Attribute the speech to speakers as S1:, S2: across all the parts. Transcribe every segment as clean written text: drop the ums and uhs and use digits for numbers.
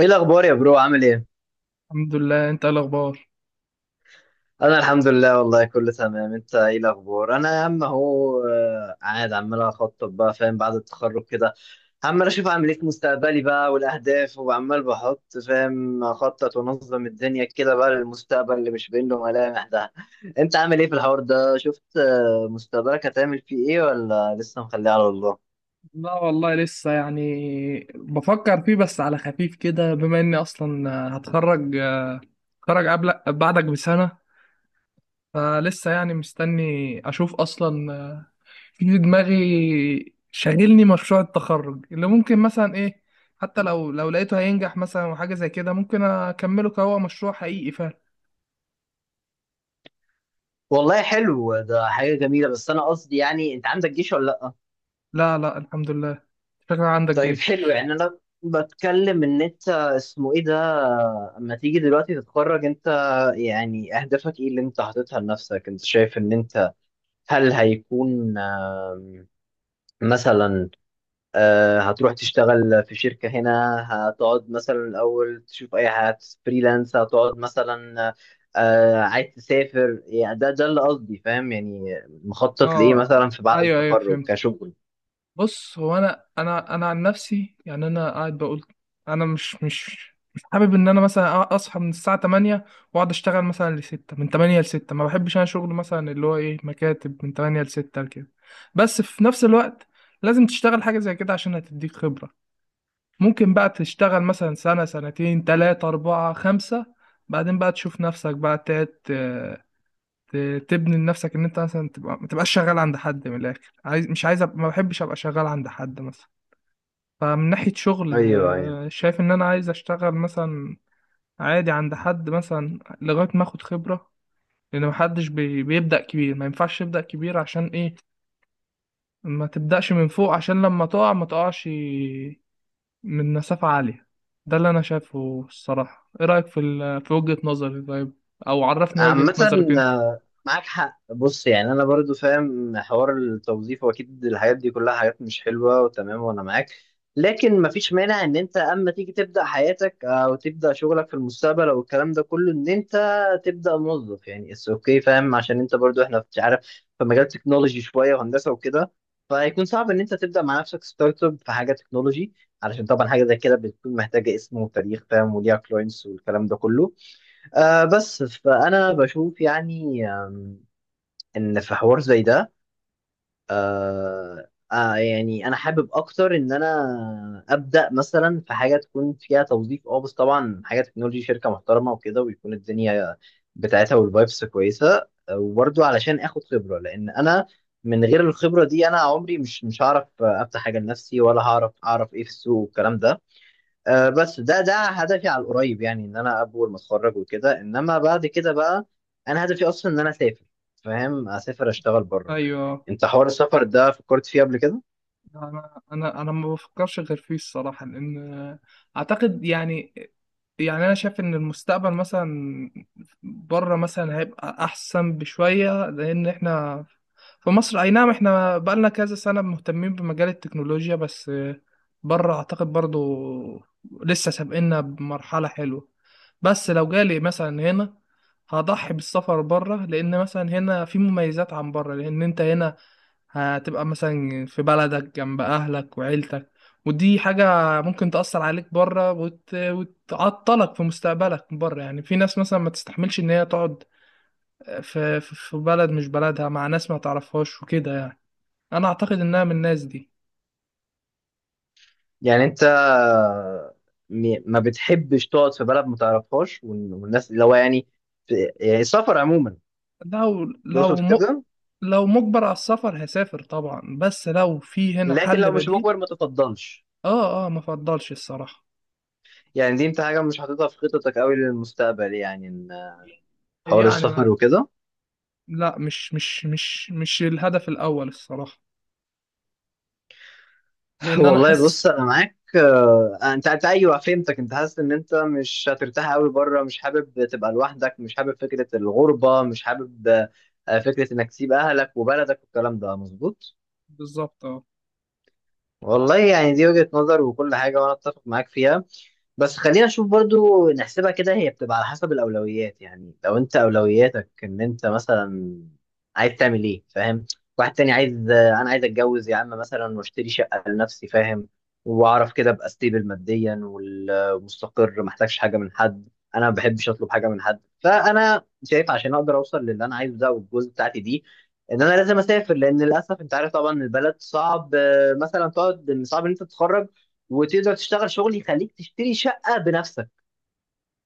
S1: ايه الاخبار يا برو؟ عامل ايه؟
S2: الحمد لله، انت ايه الاخبار؟
S1: انا الحمد لله والله كله تمام. انت ايه الاخبار؟ انا يا عم اهو قاعد عمال اخطط بقى فاهم بعد التخرج كده. عمال اشوف اعمل ايه في مستقبلي بقى والاهداف، وعمال بحط فاهم اخطط وانظم الدنيا كده بقى للمستقبل اللي مش باين له ملامح ده. انت عامل ايه في الحوار ده؟ شفت مستقبلك هتعمل فيه ايه ولا لسه مخليه على الله؟
S2: لا والله لسه يعني بفكر فيه بس على خفيف كده بما اني اصلا هتخرج هتخرج قبل بعدك بسنة. فلسه يعني مستني اشوف اصلا. في دماغي شاغلني مشروع التخرج اللي ممكن مثلا ايه. حتى لو لقيته هينجح مثلا وحاجة زي كده ممكن اكمله كهو مشروع حقيقي فعلا.
S1: والله حلو، ده حاجة جميلة. بس أنا قصدي يعني أنت عندك جيش ولا لأ؟
S2: لا، لا، الحمد لله. شكلك عندك
S1: طيب حلو،
S2: جيش؟
S1: يعني انا بتكلم ان انت اسمه ايه ده، اما تيجي دلوقتي تتخرج انت، يعني اهدافك ايه اللي انت حاططها لنفسك؟ انت شايف ان انت هل هيكون مثلا هتروح تشتغل في شركة هنا، هتقعد مثلا الاول تشوف اي حاجة فريلانس، هتقعد مثلا عايز تسافر؟ يعني ده اللي قصدي فاهم، يعني مخطط لايه
S2: اه،
S1: مثلا في بعد
S2: ايوه، ايوه،
S1: التخرج
S2: فهمت.
S1: كشغل؟
S2: بص، هو انا عن نفسي، يعني انا قاعد بقول انا مش حابب ان انا مثلا اصحى من الساعه 8 واقعد اشتغل مثلا ل 6، من 8 ل 6. ما بحبش انا شغل مثلا اللي هو ايه، مكاتب من 8 ل 6 كده. بس في نفس الوقت لازم تشتغل حاجه زي كده عشان هتديك خبره. ممكن بقى تشتغل مثلا سنه سنتين تلاتة أربعة خمسة، بعدين بقى تشوف نفسك بقى تقعد تبني لنفسك ان انت مثلا تبقى ما تبقاش شغال عند حد. من الاخر، عايز مش عايز أبقى، ما بحبش ابقى شغال عند حد مثلا. فمن ناحية شغل
S1: ايوه ايوه،
S2: شايف إن أنا عايز أشتغل مثلا عادي عند حد مثلا لغاية ما آخد خبرة. لأن محدش بيبدأ كبير، ما ينفعش تبدأ كبير. عشان إيه؟ ما تبدأش من فوق عشان لما تقع ما تقعش من مسافة عالية. ده اللي أنا شايفه الصراحة. إيه رأيك في في وجهة نظري؟ طيب، أو عرفني وجهة
S1: عامة
S2: نظرك أنت.
S1: معاك حق. بص، يعني أنا برضو فاهم حوار التوظيف، وأكيد الحاجات دي كلها حاجات مش حلوة وتمام وأنا معاك. لكن مفيش مانع إن أنت أما تيجي تبدأ حياتك، أو تبدأ شغلك في المستقبل أو الكلام ده كله، إن أنت تبدأ موظف، يعني اتس أوكي فاهم، عشان أنت برضو إحنا مش عارف، في مجال تكنولوجي شوية وهندسة وكده، فهيكون صعب إن أنت تبدأ مع نفسك ستارت أب في حاجة تكنولوجي، علشان طبعا حاجة زي كده بتكون محتاجة اسم وتاريخ فاهم، وليها كلاينتس والكلام ده كله. بس فأنا بشوف يعني إن في حوار زي ده. يعني أنا حابب أكتر إن أنا أبدأ مثلا في حاجة تكون فيها توظيف، بس طبعا حاجة تكنولوجي، شركة محترمة وكده، ويكون الدنيا بتاعتها والفايبس كويسة. وبرضو علشان آخد خبرة، لأن أنا من غير الخبرة دي أنا عمري مش هعرف أفتح حاجة لنفسي، ولا هعرف أعرف إيه في السوق والكلام ده. بس ده هدفي على القريب، يعني ان انا اول ما اتخرج وكده، انما بعد كده بقى انا هدفي اصلا ان انا اسافر فاهم، اسافر اشتغل بره وكده.
S2: أيوه.
S1: انت حوار السفر ده فكرت فيه قبل كده؟
S2: أنا ما بفكرش غير فيه الصراحة، لأن أعتقد يعني انا شايف ان المستقبل مثلا بره مثلا هيبقى احسن بشويه. لان احنا في مصر اي نعم احنا بقالنا كذا سنه مهتمين بمجال التكنولوجيا، بس بره اعتقد برضو لسه سابقنا بمرحله حلوه. بس لو جالي مثلا هنا هضحي بالسفر بره، لان مثلا هنا في مميزات عن بره. لان انت هنا هتبقى مثلا في بلدك جنب أهلك وعيلتك، ودي حاجة ممكن تأثر عليك بره وتعطلك في مستقبلك بره. يعني في ناس مثلا ما تستحملش إن هي تقعد في بلد مش بلدها مع ناس ما تعرفهاش وكده. يعني أنا أعتقد إنها من الناس دي.
S1: يعني انت ما بتحبش تقعد في بلد ما تعرفهاش، والناس اللي هو يعني يعني السفر عموما
S2: لو لو
S1: تقصد
S2: م...
S1: كده؟
S2: لو مجبر على السفر هسافر طبعا، بس لو في هنا
S1: لكن
S2: حل
S1: لو مش
S2: بديل.
S1: مجبر ما تفضلش.
S2: آه، آه، ما فضلش الصراحة.
S1: يعني دي انت حاجه مش حاططها في خططك قوي للمستقبل، يعني إن حوار
S2: يعني ما...
S1: السفر وكده.
S2: لا، مش الهدف الأول الصراحة، لأن أنا
S1: والله بص،
S2: حاسس.
S1: انا معاك. انت ايوه فهمتك، انت حاسس ان انت مش هترتاح قوي بره، مش حابب تبقى لوحدك، مش حابب فكره الغربه، مش حابب فكره انك تسيب اهلك وبلدك والكلام ده مظبوط.
S2: بالظبط، اه.
S1: والله يعني دي وجهة نظر وكل حاجة، وأنا أتفق معاك فيها. بس خلينا نشوف برضو، نحسبها كده، هي بتبقى على حسب الأولويات، يعني لو أنت أولوياتك إن أنت مثلا عايز تعمل إيه فاهم. واحد تاني عايز، أنا عايز أتجوز يا عم مثلا، وأشتري شقة لنفسي فاهم، وأعرف كده أبقى ستيبل ماديا ومستقر، محتاجش حاجة من حد، أنا ما بحبش أطلب حاجة من حد. فأنا شايف عشان أقدر أوصل للي أنا عايزه ده والجوز بتاعتي دي، ان انا لازم اسافر، لان للاسف انت عارف طبعا البلد صعب، مثلا تقعد، إن صعب ان انت تتخرج وتقدر تشتغل شغل يخليك تشتري شقة بنفسك.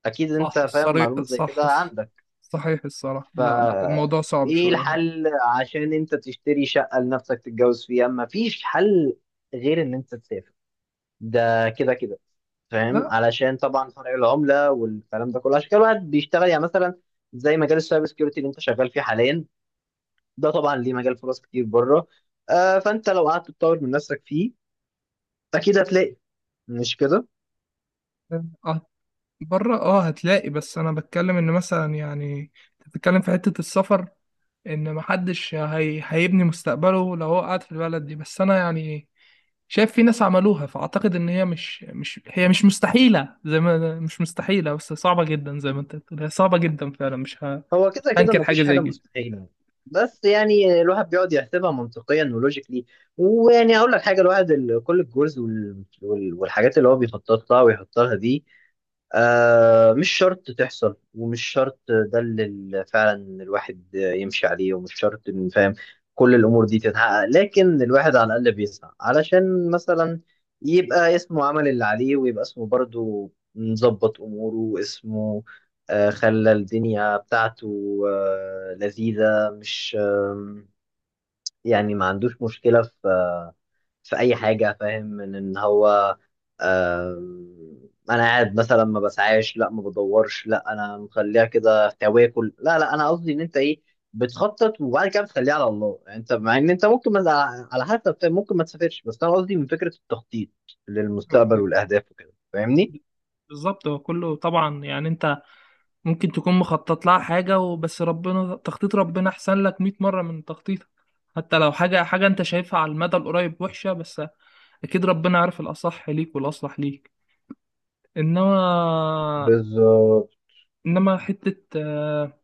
S1: اكيد انت
S2: صح،
S1: فاهم
S2: الصريح
S1: معلومة زي
S2: صح،
S1: كده عندك.
S2: صحيح الصراحة.
S1: ف
S2: لا، لا، الموضوع صعب
S1: ايه
S2: شوية هنا.
S1: الحل؟ عشان انت تشتري شقة لنفسك تتجوز فيها، مفيش حل غير ان انت تسافر، ده كده كده فاهم،
S2: لا،
S1: علشان طبعا فرق العملة والكلام ده كله. عشان كده الواحد بيشتغل، يعني مثلا زي مجال السايبر سكيورتي اللي انت شغال فيه حاليا، ده طبعا ليه مجال فرص كتير بره. فانت لو قعدت تطور من نفسك فيه اكيد هتلاقي، مش كده؟
S2: آه، بره هتلاقي. بس انا بتكلم ان مثلا يعني أنت بتتكلم في حتة السفر، ان محدش هيبني مستقبله لو هو قاعد في البلد دي. بس انا يعني شايف في ناس عملوها، فاعتقد ان هي مش مستحيلة. زي ما مش مستحيلة بس صعبة جدا، زي ما انت بتقول هي صعبة جدا فعلا. مش
S1: هو كده كده
S2: هنكر حاجة
S1: مفيش
S2: زي
S1: حاجة
S2: كده.
S1: مستحيلة، بس يعني الواحد بيقعد يحسبها منطقيا ولوجيكلي. ويعني أقول لك حاجة، الواحد كل الجولز والحاجات اللي هو بيخطط لها ويحط لها دي مش شرط تحصل، ومش شرط ده اللي فعلا الواحد يمشي عليه، ومش شرط إن فاهم كل الأمور دي تتحقق. لكن الواحد على الأقل بيسعى علشان مثلا يبقى اسمه عمل اللي عليه، ويبقى اسمه برضه مظبط أموره، واسمه خلى الدنيا بتاعته لذيذة، مش يعني ما عندوش مشكلة في أي حاجة فاهم، من إن هو أنا قاعد مثلا ما بسعاش، لا ما بدورش، لا أنا مخليها كده تواكل، لا لا أنا قصدي إن أنت إيه بتخطط، وبعد كده بتخليها على الله. يعني أنت مع إن أنت ممكن ما، على حسب، ممكن ما تسافرش، بس أنا قصدي من فكرة التخطيط للمستقبل
S2: أيوة،
S1: والأهداف وكده، فاهمني؟
S2: بالظبط. هو كله طبعا يعني انت ممكن تكون مخطط لها حاجة، وبس ربنا، تخطيط ربنا أحسن لك 100 مرة من تخطيطك. حتى لو حاجة حاجة أنت شايفها على المدى القريب وحشة، بس أكيد ربنا عارف الأصح ليك والأصلح ليك. إنما
S1: بالظبط.
S2: إنما حتة آه،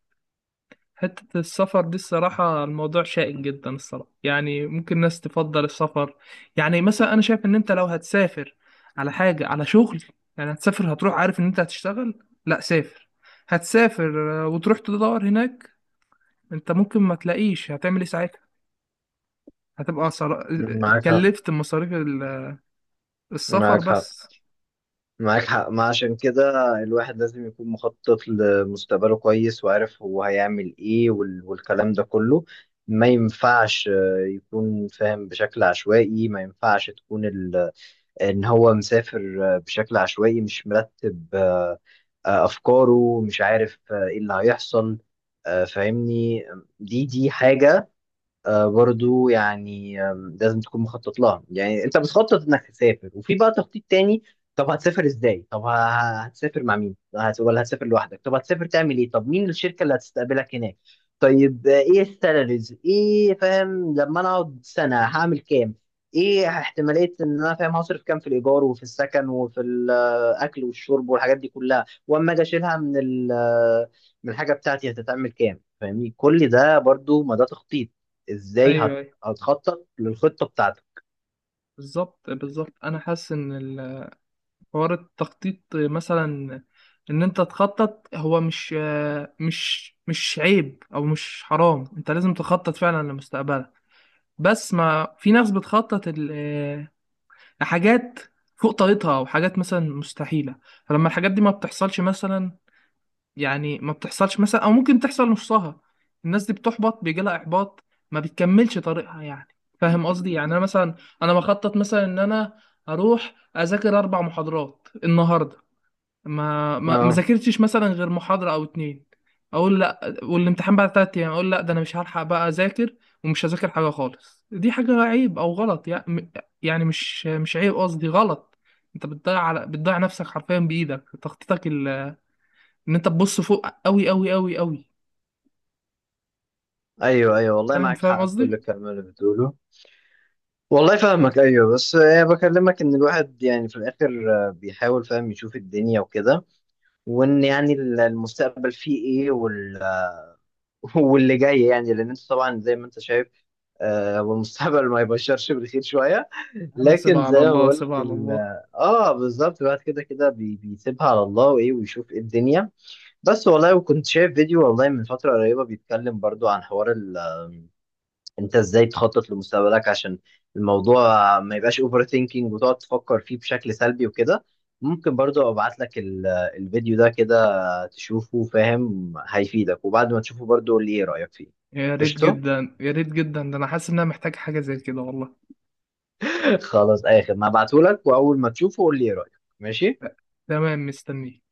S2: حتة السفر دي الصراحة الموضوع شائك جدا. الصراحة يعني ممكن ناس تفضل السفر. يعني مثلا أنا شايف إن أنت لو هتسافر على حاجة على شغل، يعني هتسافر هتروح عارف إن أنت هتشتغل. لا، هتسافر وتروح تدور هناك. انت ممكن ما تلاقيش، هتعمل ايه ساعتها؟ هتبقى
S1: معاك حق،
S2: اتكلفت مصاريف السفر
S1: معاك حق،
S2: بس.
S1: معاك حق. ما عشان كده الواحد لازم يكون مخطط لمستقبله كويس، وعارف هو هيعمل ايه والكلام ده كله. ما ينفعش يكون فاهم بشكل عشوائي. ما ينفعش تكون ان هو مسافر بشكل عشوائي مش مرتب، افكاره مش عارف، ايه اللي هيحصل، فاهمني. دي حاجة برضو يعني لازم تكون مخطط لها. يعني انت بتخطط انك تسافر، وفي بقى تخطيط تاني، طب هتسافر ازاي؟ طب هتسافر مع مين؟ ولا هتسافر لوحدك؟ طب هتسافر تعمل ايه؟ طب مين الشركة اللي هتستقبلك هناك؟ طيب ايه السالاريز؟ ايه فاهم لما انا اقعد سنة هعمل كام؟ ايه احتمالية ان انا فاهم هصرف كام في الايجار وفي السكن وفي الاكل والشرب والحاجات دي كلها، واما اجي اشيلها من من الحاجة بتاعتي هتتعمل كام فاهمني؟ كل ده برضو ما ده تخطيط. ازاي
S2: ايوه، ايوه،
S1: هتخطط للخطة بتاعتك؟
S2: بالظبط، بالظبط، انا حاسس ان حوار التخطيط مثلا، ان انت تخطط هو مش عيب او مش حرام، انت لازم تخطط فعلا لمستقبلك. بس ما في ناس بتخطط لحاجات فوق طاقتها او حاجات مثلا مستحيلة. فلما الحاجات دي ما بتحصلش مثلا، يعني ما بتحصلش مثلا او ممكن تحصل نصها، الناس دي بتحبط، بيجي لها احباط، ما بتكملش طريقها يعني. فاهم قصدي؟ يعني انا مثلا انا بخطط مثلا ان انا اروح اذاكر 4 محاضرات النهارده. ما
S1: اه
S2: ذاكرتش مثلا غير محاضره او اتنين، اقول لا والامتحان بعد 3 ايام، اقول لا ده انا مش هلحق بقى اذاكر، ومش هذاكر حاجه خالص. دي حاجه عيب او غلط يعني. يعني مش عيب، قصدي غلط. انت بتضيع، على بتضيع نفسك حرفيا بايدك تخطيطك. ان انت تبص فوق قوي قوي قوي قوي.
S1: ايوه ايوه، والله
S2: فاهم
S1: معاك
S2: فاهم
S1: حق في كل
S2: قصدي.
S1: الكلام اللي بتقوله. والله فاهمك. ايوه بس بكلمك ان الواحد يعني في الاخر بيحاول فاهم يشوف الدنيا وكده، وان يعني المستقبل فيه ايه وال آه، واللي جاي يعني. لان انت طبعا زي ما انت شايف، هو المستقبل ما يبشرش بالخير شويه.
S2: يا عم سيبها
S1: لكن
S2: على
S1: زي ما
S2: الله،
S1: بقول
S2: سيبها
S1: لك
S2: على الله.
S1: اه بالظبط، الواحد كده كده بيسيبها على الله وايه، ويشوف ايه الدنيا. بس والله، وكنت شايف فيديو والله من فترة قريبة بيتكلم برضو عن حوار انت ازاي تخطط لمستقبلك، عشان الموضوع ما يبقاش اوفر ثينكينج، وتقعد تفكر فيه بشكل سلبي وكده. ممكن برضو ابعت لك الفيديو ده كده تشوفه فاهم هيفيدك، وبعد ما تشوفه برضو قول لي ايه رأيك فيه.
S2: يا ريت
S1: قشطة.
S2: جدا، يا ريت جدا، ده انا حاسس ان انا محتاج حاجه زي كده والله.
S1: خلاص اي خدمة، هبعته لك، واول ما تشوفه قول لي ايه رأيك. ماشي.
S2: تمام، مستنيك.